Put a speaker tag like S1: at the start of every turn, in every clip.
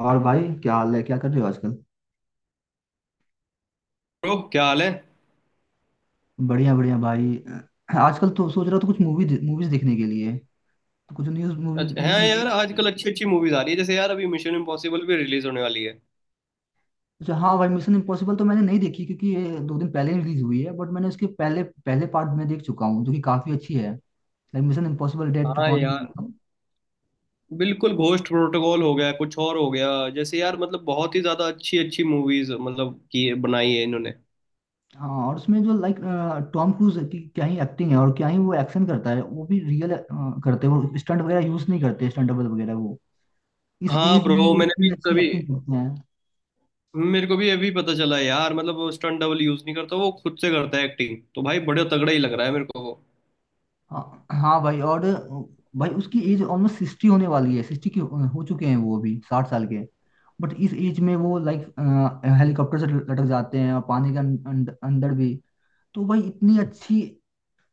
S1: और भाई क्या हाल है, क्या कर रहे हो आजकल।
S2: ब्रो क्या हाल है।
S1: बढ़िया बढ़िया भाई। आजकल तो सोच रहा था कुछ मूवीज देखने के लिए, तो कुछ न्यूज मूवी
S2: अच्छा हाँ
S1: न्यू।
S2: यार आजकल अच्छी अच्छी मूवीज आ रही है, जैसे यार अभी मिशन इम्पॉसिबल भी रिलीज होने वाली है।
S1: अच्छा हाँ भाई, मिशन इम्पॉसिबल तो मैंने नहीं देखी क्योंकि ये दो दिन पहले ही रिलीज हुई है, बट मैंने उसके पहले पहले पार्ट में देख चुका हूँ जो कि काफी अच्छी है। लाइक मिशन इम्पॉसिबल डेड
S2: हाँ
S1: रिकॉर्डिंग।
S2: यार, बिल्कुल। घोस्ट प्रोटोकॉल हो गया, कुछ और हो गया, जैसे यार मतलब बहुत ही ज्यादा अच्छी अच्छी मूवीज मतलब की बनाई है इन्होंने।
S1: हाँ, और उसमें जो लाइक टॉम क्रूज की क्या ही एक्टिंग है, और क्या ही वो एक्शन करता है, वो भी रियल करते हैं, वो स्टंट वगैरह यूज नहीं करते, स्टंट डबल वगैरह वो। इस
S2: हाँ
S1: एज में
S2: ब्रो,
S1: वो
S2: मैंने
S1: इतनी
S2: भी
S1: अच्छी
S2: कभी,
S1: एक्टिंग करते हैं।
S2: मेरे को भी अभी पता चला यार मतलब वो स्टंट डबल यूज नहीं करता, वो खुद से करता है। एक्टिंग तो भाई बड़े तगड़ा ही लग रहा है मेरे को वो।
S1: हाँ हाँ भाई, और भाई उसकी एज ऑलमोस्ट सिक्सटी होने वाली है, सिक्सटी की हो चुके हैं वो, अभी 60 साल के। बट इस एज में वो लाइक हेलीकॉप्टर से लटक जाते हैं, और पानी के अंदर भी। तो भाई इतनी अच्छी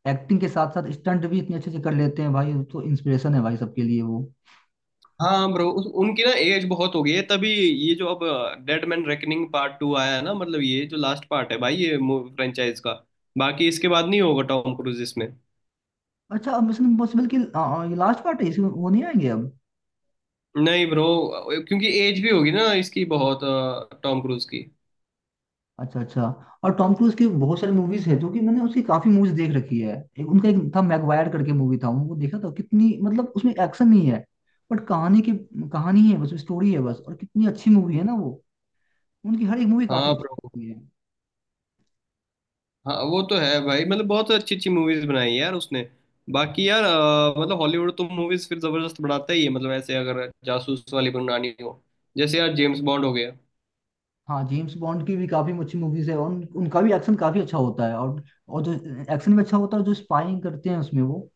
S1: एक्टिंग के साथ साथ स्टंट भी इतने अच्छे से कर लेते हैं भाई, तो इंस्पिरेशन है भाई सबके लिए वो।
S2: हाँ ब्रो, उनकी ना एज बहुत हो गई है तभी ये जो अब Dead Man Reckoning part two आया है ना, मतलब ये जो लास्ट पार्ट है भाई ये फ्रेंचाइज का, बाकी इसके बाद नहीं होगा टॉम क्रूज इसमें।
S1: अच्छा, मिशन इम्पॉसिबल की ये लास्ट पार्ट है, इसमें वो नहीं आएंगे अब?
S2: नहीं ब्रो, क्योंकि एज भी होगी ना इसकी बहुत, टॉम क्रूज की।
S1: अच्छा अच्छा। और टॉम क्रूज की बहुत सारी मूवीज है, जो कि मैंने उसकी काफी मूवीज देख रखी है। उनका एक था मैगवायर करके मूवी था, उनको देखा था, कितनी मतलब उसमें एक्शन नहीं है, बट कहानी की कहानी है बस, स्टोरी है बस, और कितनी अच्छी मूवी है ना वो। उनकी हर एक मूवी काफी
S2: हाँ
S1: अच्छी
S2: ब्रो,
S1: होती है।
S2: हाँ वो तो है भाई, मतलब बहुत अच्छी अच्छी मूवीज बनाई है यार उसने। बाकी यार मतलब हॉलीवुड तो मूवीज फिर जबरदस्त बनाता ही है। मतलब ऐसे अगर जासूस वाली बनानी हो, जैसे यार जेम्स बॉन्ड हो गया।
S1: हाँ, जेम्स बॉन्ड की भी काफी अच्छी मूवीज है, और उनका भी एक्शन काफी अच्छा होता है, और जो एक्शन भी अच्छा होता है, और जो स्पाइंग करते हैं उसमें वो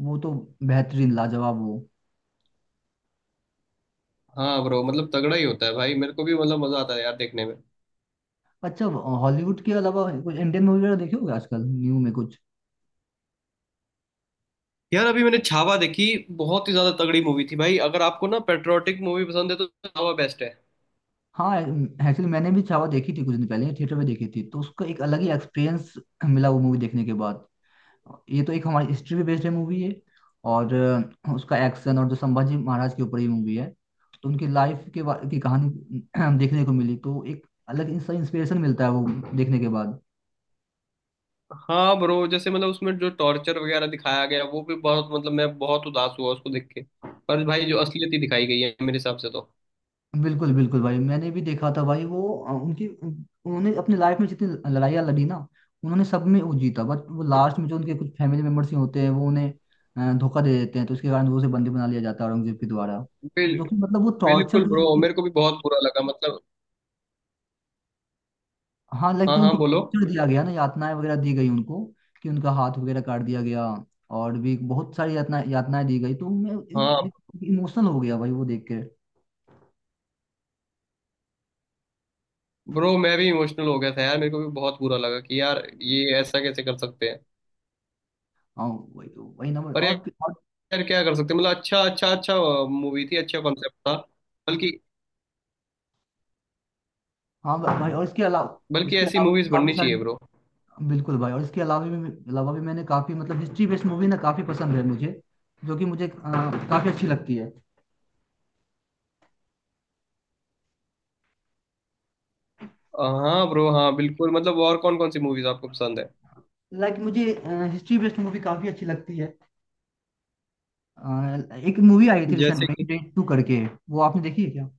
S1: वो तो बेहतरीन लाजवाब वो।
S2: हाँ ब्रो, मतलब तगड़ा ही होता है भाई, मेरे को भी मतलब मजा आता है यार देखने में।
S1: अच्छा, हॉलीवुड के अलावा कोई इंडियन मूवी वगैरह देखे होगे आजकल न्यू में कुछ?
S2: यार अभी मैंने छावा देखी, बहुत ही ज्यादा तगड़ी मूवी थी भाई। अगर आपको ना पेट्रियोटिक मूवी पसंद है तो छावा बेस्ट है।
S1: हाँ एक्चुअली मैंने भी छावा देखी थी, कुछ दिन पहले थिएटर में देखी थी, तो उसका एक अलग ही एक्सपीरियंस मिला वो मूवी देखने के बाद। ये तो एक हमारी हिस्ट्री पे बेस्ड है मूवी है, और उसका एक्शन, और जो संभाजी महाराज के ऊपर ही मूवी है, तो उनकी लाइफ की कहानी देखने को मिली, तो एक अलग इंस्पिरेशन मिलता है वो देखने के बाद।
S2: हाँ ब्रो, जैसे मतलब उसमें जो टॉर्चर वगैरह दिखाया गया वो भी बहुत, मतलब मैं बहुत उदास हुआ उसको देख के। पर भाई जो असलियत ही दिखाई गई है मेरे हिसाब से तो।
S1: बिल्कुल बिल्कुल भाई, मैंने भी देखा था भाई वो। उनकी उन्होंने अपनी लाइफ में जितनी लड़ाइयाँ लड़ी ना, उन्होंने सब में वो जीता, बट वो लास्ट में जो उनके कुछ फैमिली मेम्बर्स ही होते हैं, वो उन्हें धोखा दे देते हैं, तो उसके कारण वो उसे बंदी बना लिया जाता है औरंगजेब के द्वारा। तो
S2: बिल,
S1: जो कि मतलब वो टॉर्चर
S2: बिल्कुल
S1: जो
S2: ब्रो,
S1: उनको,
S2: मेरे को भी बहुत बुरा लगा मतलब।
S1: हाँ लाइक
S2: हाँ
S1: जो
S2: हाँ,
S1: उनको
S2: बोलो।
S1: टॉर्चर दिया गया ना, यातनाएं वगैरह दी गई उनको, कि उनका हाथ वगैरह काट दिया गया, और भी बहुत सारी यातनाएं दी गई, तो मैं
S2: हाँ
S1: इमोशनल हो गया भाई वो देख के।
S2: ब्रो, मैं भी इमोशनल हो गया था यार, मेरे को भी बहुत बुरा लगा कि यार ये ऐसा कैसे कर सकते हैं।
S1: हाँ, वही ना।
S2: पर
S1: और
S2: यार क्या कर सकते हैं। मतलब अच्छा अच्छा अच्छा मूवी थी, अच्छा कॉन्सेप्ट था। बल्कि,
S1: हाँ भाई, और
S2: बल्कि
S1: इसके
S2: ऐसी
S1: अलावा
S2: मूवीज
S1: भी काफी
S2: बननी चाहिए ब्रो।
S1: सारी, बिल्कुल भाई, और इसके अलावा भी मैंने काफी मतलब हिस्ट्री बेस्ड मूवी ना काफी पसंद है मुझे, जो कि मुझे काफी अच्छी लगती है।
S2: हाँ ब्रो, हाँ बिल्कुल। मतलब और कौन कौन सी मूवीज आपको पसंद है?
S1: मुझे हिस्ट्री बेस्ड मूवी काफी अच्छी लगती है। एक मूवी आई थी रिसेंट
S2: जैसे
S1: में
S2: कि
S1: रेड टू करके, वो आपने देखी है क्या?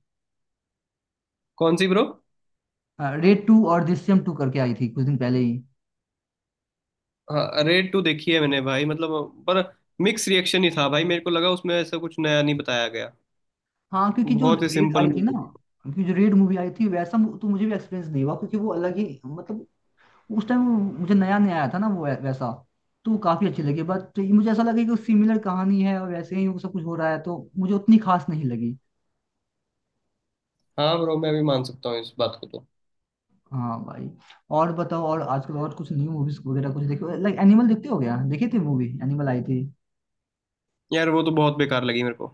S2: कौन सी ब्रो?
S1: रेड टू और दृश्यम टू करके आई थी कुछ दिन पहले ही।
S2: हाँ रेड टू देखी है मैंने भाई, मतलब पर मिक्स रिएक्शन ही था भाई। मेरे को लगा उसमें ऐसा कुछ नया नहीं बताया गया,
S1: हाँ, क्योंकि जो
S2: बहुत ही
S1: रेड
S2: सिंपल
S1: आई थी ना,
S2: मूवी।
S1: क्योंकि जो रेड मूवी आई थी वैसा तो मुझे भी एक्सपीरियंस नहीं हुआ, क्योंकि वो अलग ही मतलब उस टाइम मुझे नया नया आया था ना वो वैसा, तो काफी अच्छी लगी। बट तो ये मुझे ऐसा लगा कि सिमिलर कहानी है, और वैसे ही वो सब कुछ हो रहा है, तो मुझे उतनी खास नहीं लगी।
S2: हाँ ब्रो, मैं भी मान सकता हूँ इस बात को तो।
S1: हाँ भाई। और बताओ, और आजकल और कुछ न्यू मूवीज वगैरह कुछ देखो, लाइक एनिमल देखते हो क्या, देखी थी मूवी एनिमल आई थी?
S2: यार वो तो बहुत बेकार लगी मेरे को।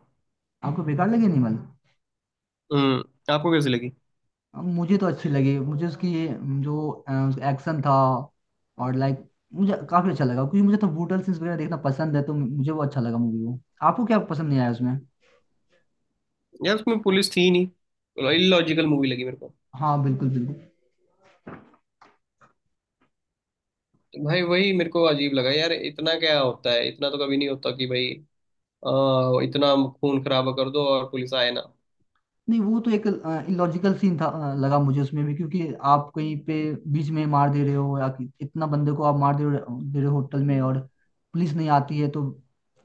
S1: आपको बेकार लगी एनिमल?
S2: हम्म, आपको कैसी लगी?
S1: मुझे तो अच्छी लगी, मुझे उसकी जो एक्शन था और लाइक, मुझे काफी अच्छा लगा क्योंकि मुझे तो ब्रूटल सीन्स वगैरह देखना पसंद है, तो मुझे वो अच्छा लगा मूवी वो। आपको क्या पसंद नहीं आया उसमें?
S2: यार उसमें पुलिस थी ही नहीं, इलॉजिकल मूवी लगी मेरे को।
S1: हाँ बिल्कुल बिल्कुल।
S2: तो भाई वही मेरे को अजीब लगा यार, इतना क्या होता है, इतना तो कभी नहीं होता कि भाई इतना खून खराबा कर दो और पुलिस आए ना।
S1: नहीं, वो तो एक इलॉजिकल सीन था, लगा मुझे उसमें भी, क्योंकि आप कहीं पे बीच में मार दे रहे हो, या कि इतना बंदे को आप मार दे रहे हो होटल में, और पुलिस नहीं आती है,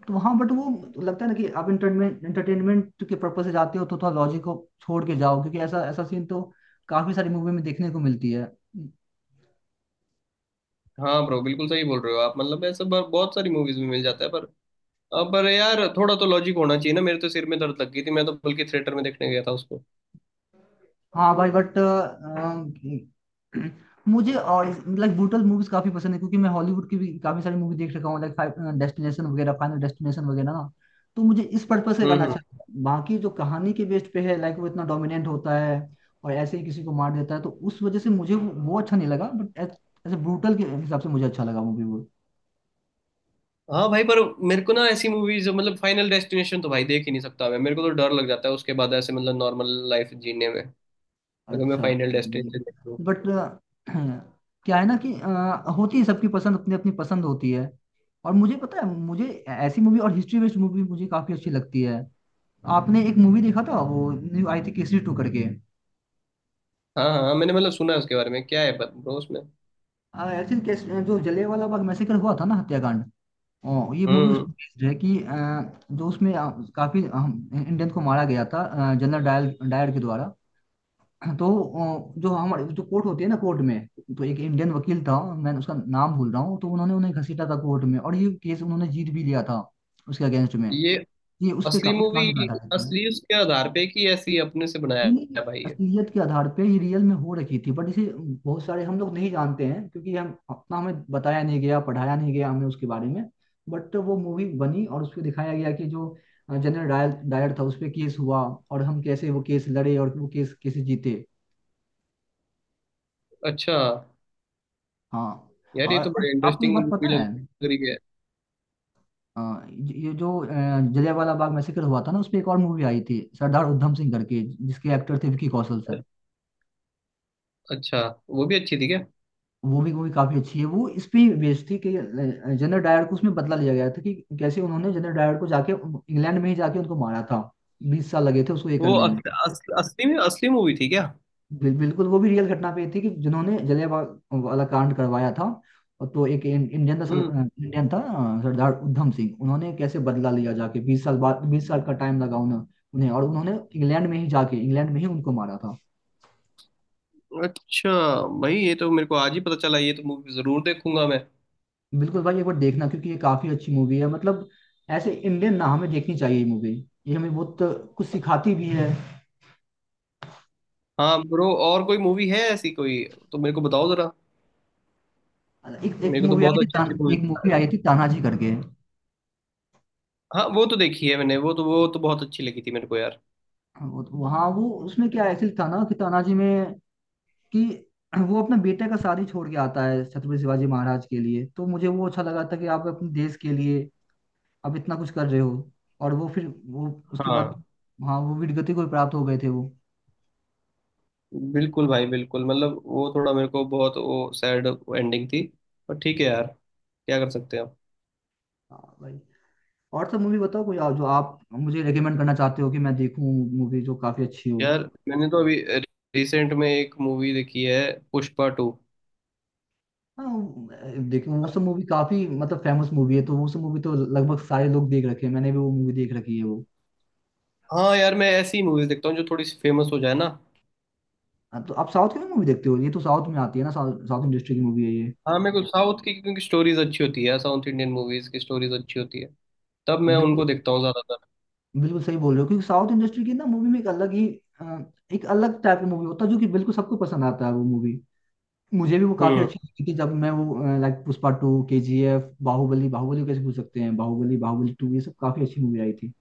S1: तो हाँ। बट वो लगता है ना कि आप इंटरटेनमेंट इंटरटेनमेंट के पर्पज से जाते हो, तो थोड़ा लॉजिक को छोड़ के जाओ, क्योंकि ऐसा ऐसा सीन तो काफी सारी मूवी में देखने को मिलती है।
S2: हाँ ब्रो, बिल्कुल सही बोल रहे हो आप। मतलब ऐसा बहुत सारी मूवीज में मिल जाता है, पर पर यार थोड़ा तो लॉजिक होना चाहिए ना। मेरे तो सिर में दर्द लग गई थी, मैं तो बल्कि थिएटर में देखने गया था उसको।
S1: हाँ भाई, बट मुझे और लाइक ब्रूटल मूवीज काफी पसंद है, क्योंकि मैं हॉलीवुड की भी काफी सारी मूवी देख रखा हूँ, लाइक डेस्टिनेशन वगैरह फाइनल डेस्टिनेशन वगैरह ना, तो मुझे इस पर्पज से गाना
S2: हम्म।
S1: अच्छा लगता है। बाकी जो कहानी के बेस्ड पे है लाइक, वो इतना डोमिनेंट होता है और ऐसे ही किसी को मार देता है, तो उस वजह से मुझे वो अच्छा नहीं लगा। बट एज ए ब्रूटल के हिसाब से मुझे अच्छा लगा मूवी वो।
S2: हाँ भाई, पर मेरे को ना ऐसी मूवीज मतलब फाइनल डेस्टिनेशन तो भाई देख ही नहीं सकता मैं। मेरे को तो डर लग जाता है उसके बाद, ऐसे मतलब नॉर्मल लाइफ जीने में, अगर मैं
S1: अच्छा
S2: फाइनल
S1: भाई।
S2: डेस्टिनेशन देख लूँ।
S1: बट क्या है ना कि होती है सबकी पसंद, अपनी अपनी पसंद होती है, और मुझे पता है मुझे ऐसी मूवी और हिस्ट्री बेस्ड मूवी मुझे काफी अच्छी लगती है। आपने एक मूवी देखा था वो न्यू आई थी केसरी टू करके?
S2: हाँ हाँ हाँ, मैंने मतलब सुना है उसके बारे में। क्या है ब्रो उसमें?
S1: एक्चुअली केस जो जलियांवाला बाग मैसेकर हुआ था ना, हत्याकांड, ये
S2: हम्म
S1: मूवी
S2: हम्म।
S1: उसमें बेस्ड है कि जो उसमें काफी इंडियन को मारा गया था जनरल डायल डायर के द्वारा। तो जो हमारे जो कोर्ट होती है ना, कोर्ट में तो एक इंडियन वकील था, मैं उसका नाम भूल रहा हूँ, तो उन्होंने उन्हें घसीटा था कोर्ट में, और ये केस उन्होंने जीत भी लिया था उसके अगेंस्ट में।
S2: ये
S1: ये
S2: असली
S1: उस
S2: मूवी,
S1: कहानी पे आधारित है,
S2: असली उसके आधार पे कि ऐसी अपने से बनाया?
S1: यानी
S2: है भाई ये।
S1: असलियत के आधार पे ये रियल में हो रखी थी। बट इसे बहुत सारे हम लोग नहीं जानते हैं, क्योंकि हम अपना हमें बताया नहीं गया, पढ़ाया नहीं गया हमें उसके बारे में। बट वो मूवी बनी, और उसमें दिखाया गया कि जो जनरल डायर डायर था, उस पे केस हुआ, और हम कैसे वो केस लड़े और वो केस कैसे जीते।
S2: अच्छा।
S1: हाँ,
S2: यार ये तो
S1: और
S2: बड़ी
S1: आपको एक
S2: इंटरेस्टिंग
S1: बात
S2: मूवी
S1: पता है?
S2: लग रही है।
S1: ये जो जलियांवाला बाग मैसेकर हुआ था ना, उस पर एक और मूवी आई थी सरदार उधम सिंह करके, जिसके एक्टर थे विकी कौशल सर।
S2: अच्छा, वो भी अच्छी थी क्या?
S1: वो भी मूवी काफी अच्छी है, वो इस पे बेस्ड थी कि जनरल डायर को उसमें बदला लिया गया था, कि कैसे उन्होंने जनरल डायर को जाके इंग्लैंड में ही जाके उनको मारा था। बीस साल लगे थे उसको ये
S2: वो
S1: करने
S2: अस,
S1: में।
S2: अस, असली में असली मूवी थी क्या?
S1: बिल्कुल, वो भी रियल घटना पे थी, कि जिन्होंने जलियांवाला वाला कांड करवाया था, और तो एक इंडियन था
S2: हम्म।
S1: इंडियन था सरदार उधम सिंह, उन्होंने कैसे बदला लिया जाके 20 साल बाद, 20 साल का टाइम लगा उन्हें, और उन्होंने इंग्लैंड में ही जाके इंग्लैंड में ही उनको मारा था।
S2: अच्छा भाई, ये तो मेरे को आज ही पता चला। ये तो मूवी जरूर देखूंगा मैं।
S1: बिल्कुल भाई, एक बार देखना क्योंकि ये काफी अच्छी मूवी है मतलब, ऐसे इंडियन ना हमें देखनी चाहिए ये मूवी, ये हमें बहुत कुछ सिखाती भी है।
S2: हाँ ब्रो, और कोई मूवी है ऐसी कोई तो मेरे को बताओ जरा।
S1: एक एक
S2: मेरे को तो
S1: मूवी आई
S2: बहुत
S1: थी
S2: अच्छी
S1: तान,
S2: अच्छी मूवी।
S1: एक मूवी आई थी तानाजी करके।
S2: हाँ वो तो देखी है मैंने, वो तो बहुत अच्छी लगी थी मेरे को यार।
S1: वो उसमें क्या ऐसे था ना कि तानाजी में, कि वो अपने बेटे का शादी छोड़ के आता है छत्रपति शिवाजी महाराज के लिए, तो मुझे वो अच्छा लगा था, कि आप अपने देश के लिए आप इतना कुछ कर रहे हो। और वो फिर वो उसके बाद,
S2: हाँ
S1: हाँ वो वीरगति को प्राप्त हो गए थे वो।
S2: बिल्कुल भाई, बिल्कुल। मतलब वो थोड़ा मेरे को बहुत वो सैड एंडिंग थी, पर ठीक है यार, क्या कर सकते हैं।
S1: हाँ भाई, और सब मूवी बताओ कोई जो आप मुझे रेकमेंड करना चाहते हो कि मैं देखूं मूवी जो काफी अच्छी हो।
S2: यार मैंने तो अभी रिसेंट में एक मूवी देखी है, पुष्पा टू।
S1: हाँ देखूं, वो सब मूवी काफी मतलब फेमस मूवी है, तो वो सब मूवी तो लगभग सारे लोग देख रखे हैं, मैंने भी वो मूवी देख रखी है वो।
S2: हाँ यार, मैं ऐसी मूवीज देखता हूँ जो थोड़ी सी फेमस हो जाए ना।
S1: हाँ, तो आप साउथ की मूवी देखते हो? ये तो साउथ में आती है ना, साउथ साउथ इंडस्ट्री की मूवी है
S2: हाँ मेरे को साउथ की, क्योंकि स्टोरीज अच्छी होती है, साउथ इंडियन मूवीज की स्टोरीज अच्छी होती है, तब मैं उनको
S1: ये।
S2: देखता हूँ ज्यादातर।
S1: बिल्कुल सही बोल रहे हो, क्योंकि साउथ इंडस्ट्री की ना मूवी में एक अलग ही अ, एक अलग टाइप का मूवी होता है, जो कि बिल्कुल सबको पसंद आता है वो मूवी। मुझे भी वो काफी
S2: हम्म।
S1: अच्छी लगी थी जब मैं वो like Pushpa two, K G F, Baahubali Baahubali को कैसे भूल सकते हैं, बाहुबली बाहुबली टू, ये सब काफी अच्छी मूवी आई थी।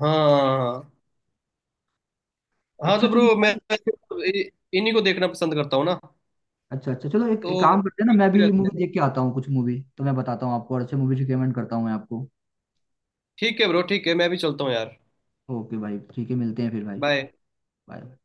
S2: हाँ हाँ हाँ। हाँ
S1: अच्छा
S2: तो
S1: चलो
S2: ब्रो मैं
S1: भाई।
S2: इ- इन्हीं को देखना पसंद करता हूँ ना,
S1: अच्छा अच्छा, चलो एक
S2: तो
S1: काम करते हैं ना,
S2: ठीक
S1: मैं भी
S2: रहता है।
S1: मूवी देख के आता हूँ, कुछ मूवी तो मैं बताता हूँ आपको, और अच्छे मूवी रिकमेंड करता हूँ मैं आपको।
S2: ठीक है ब्रो, ठीक है, मैं भी चलता हूँ यार।
S1: ओके भाई, ठीक है, मिलते हैं फिर भाई।
S2: बाय।
S1: बाय।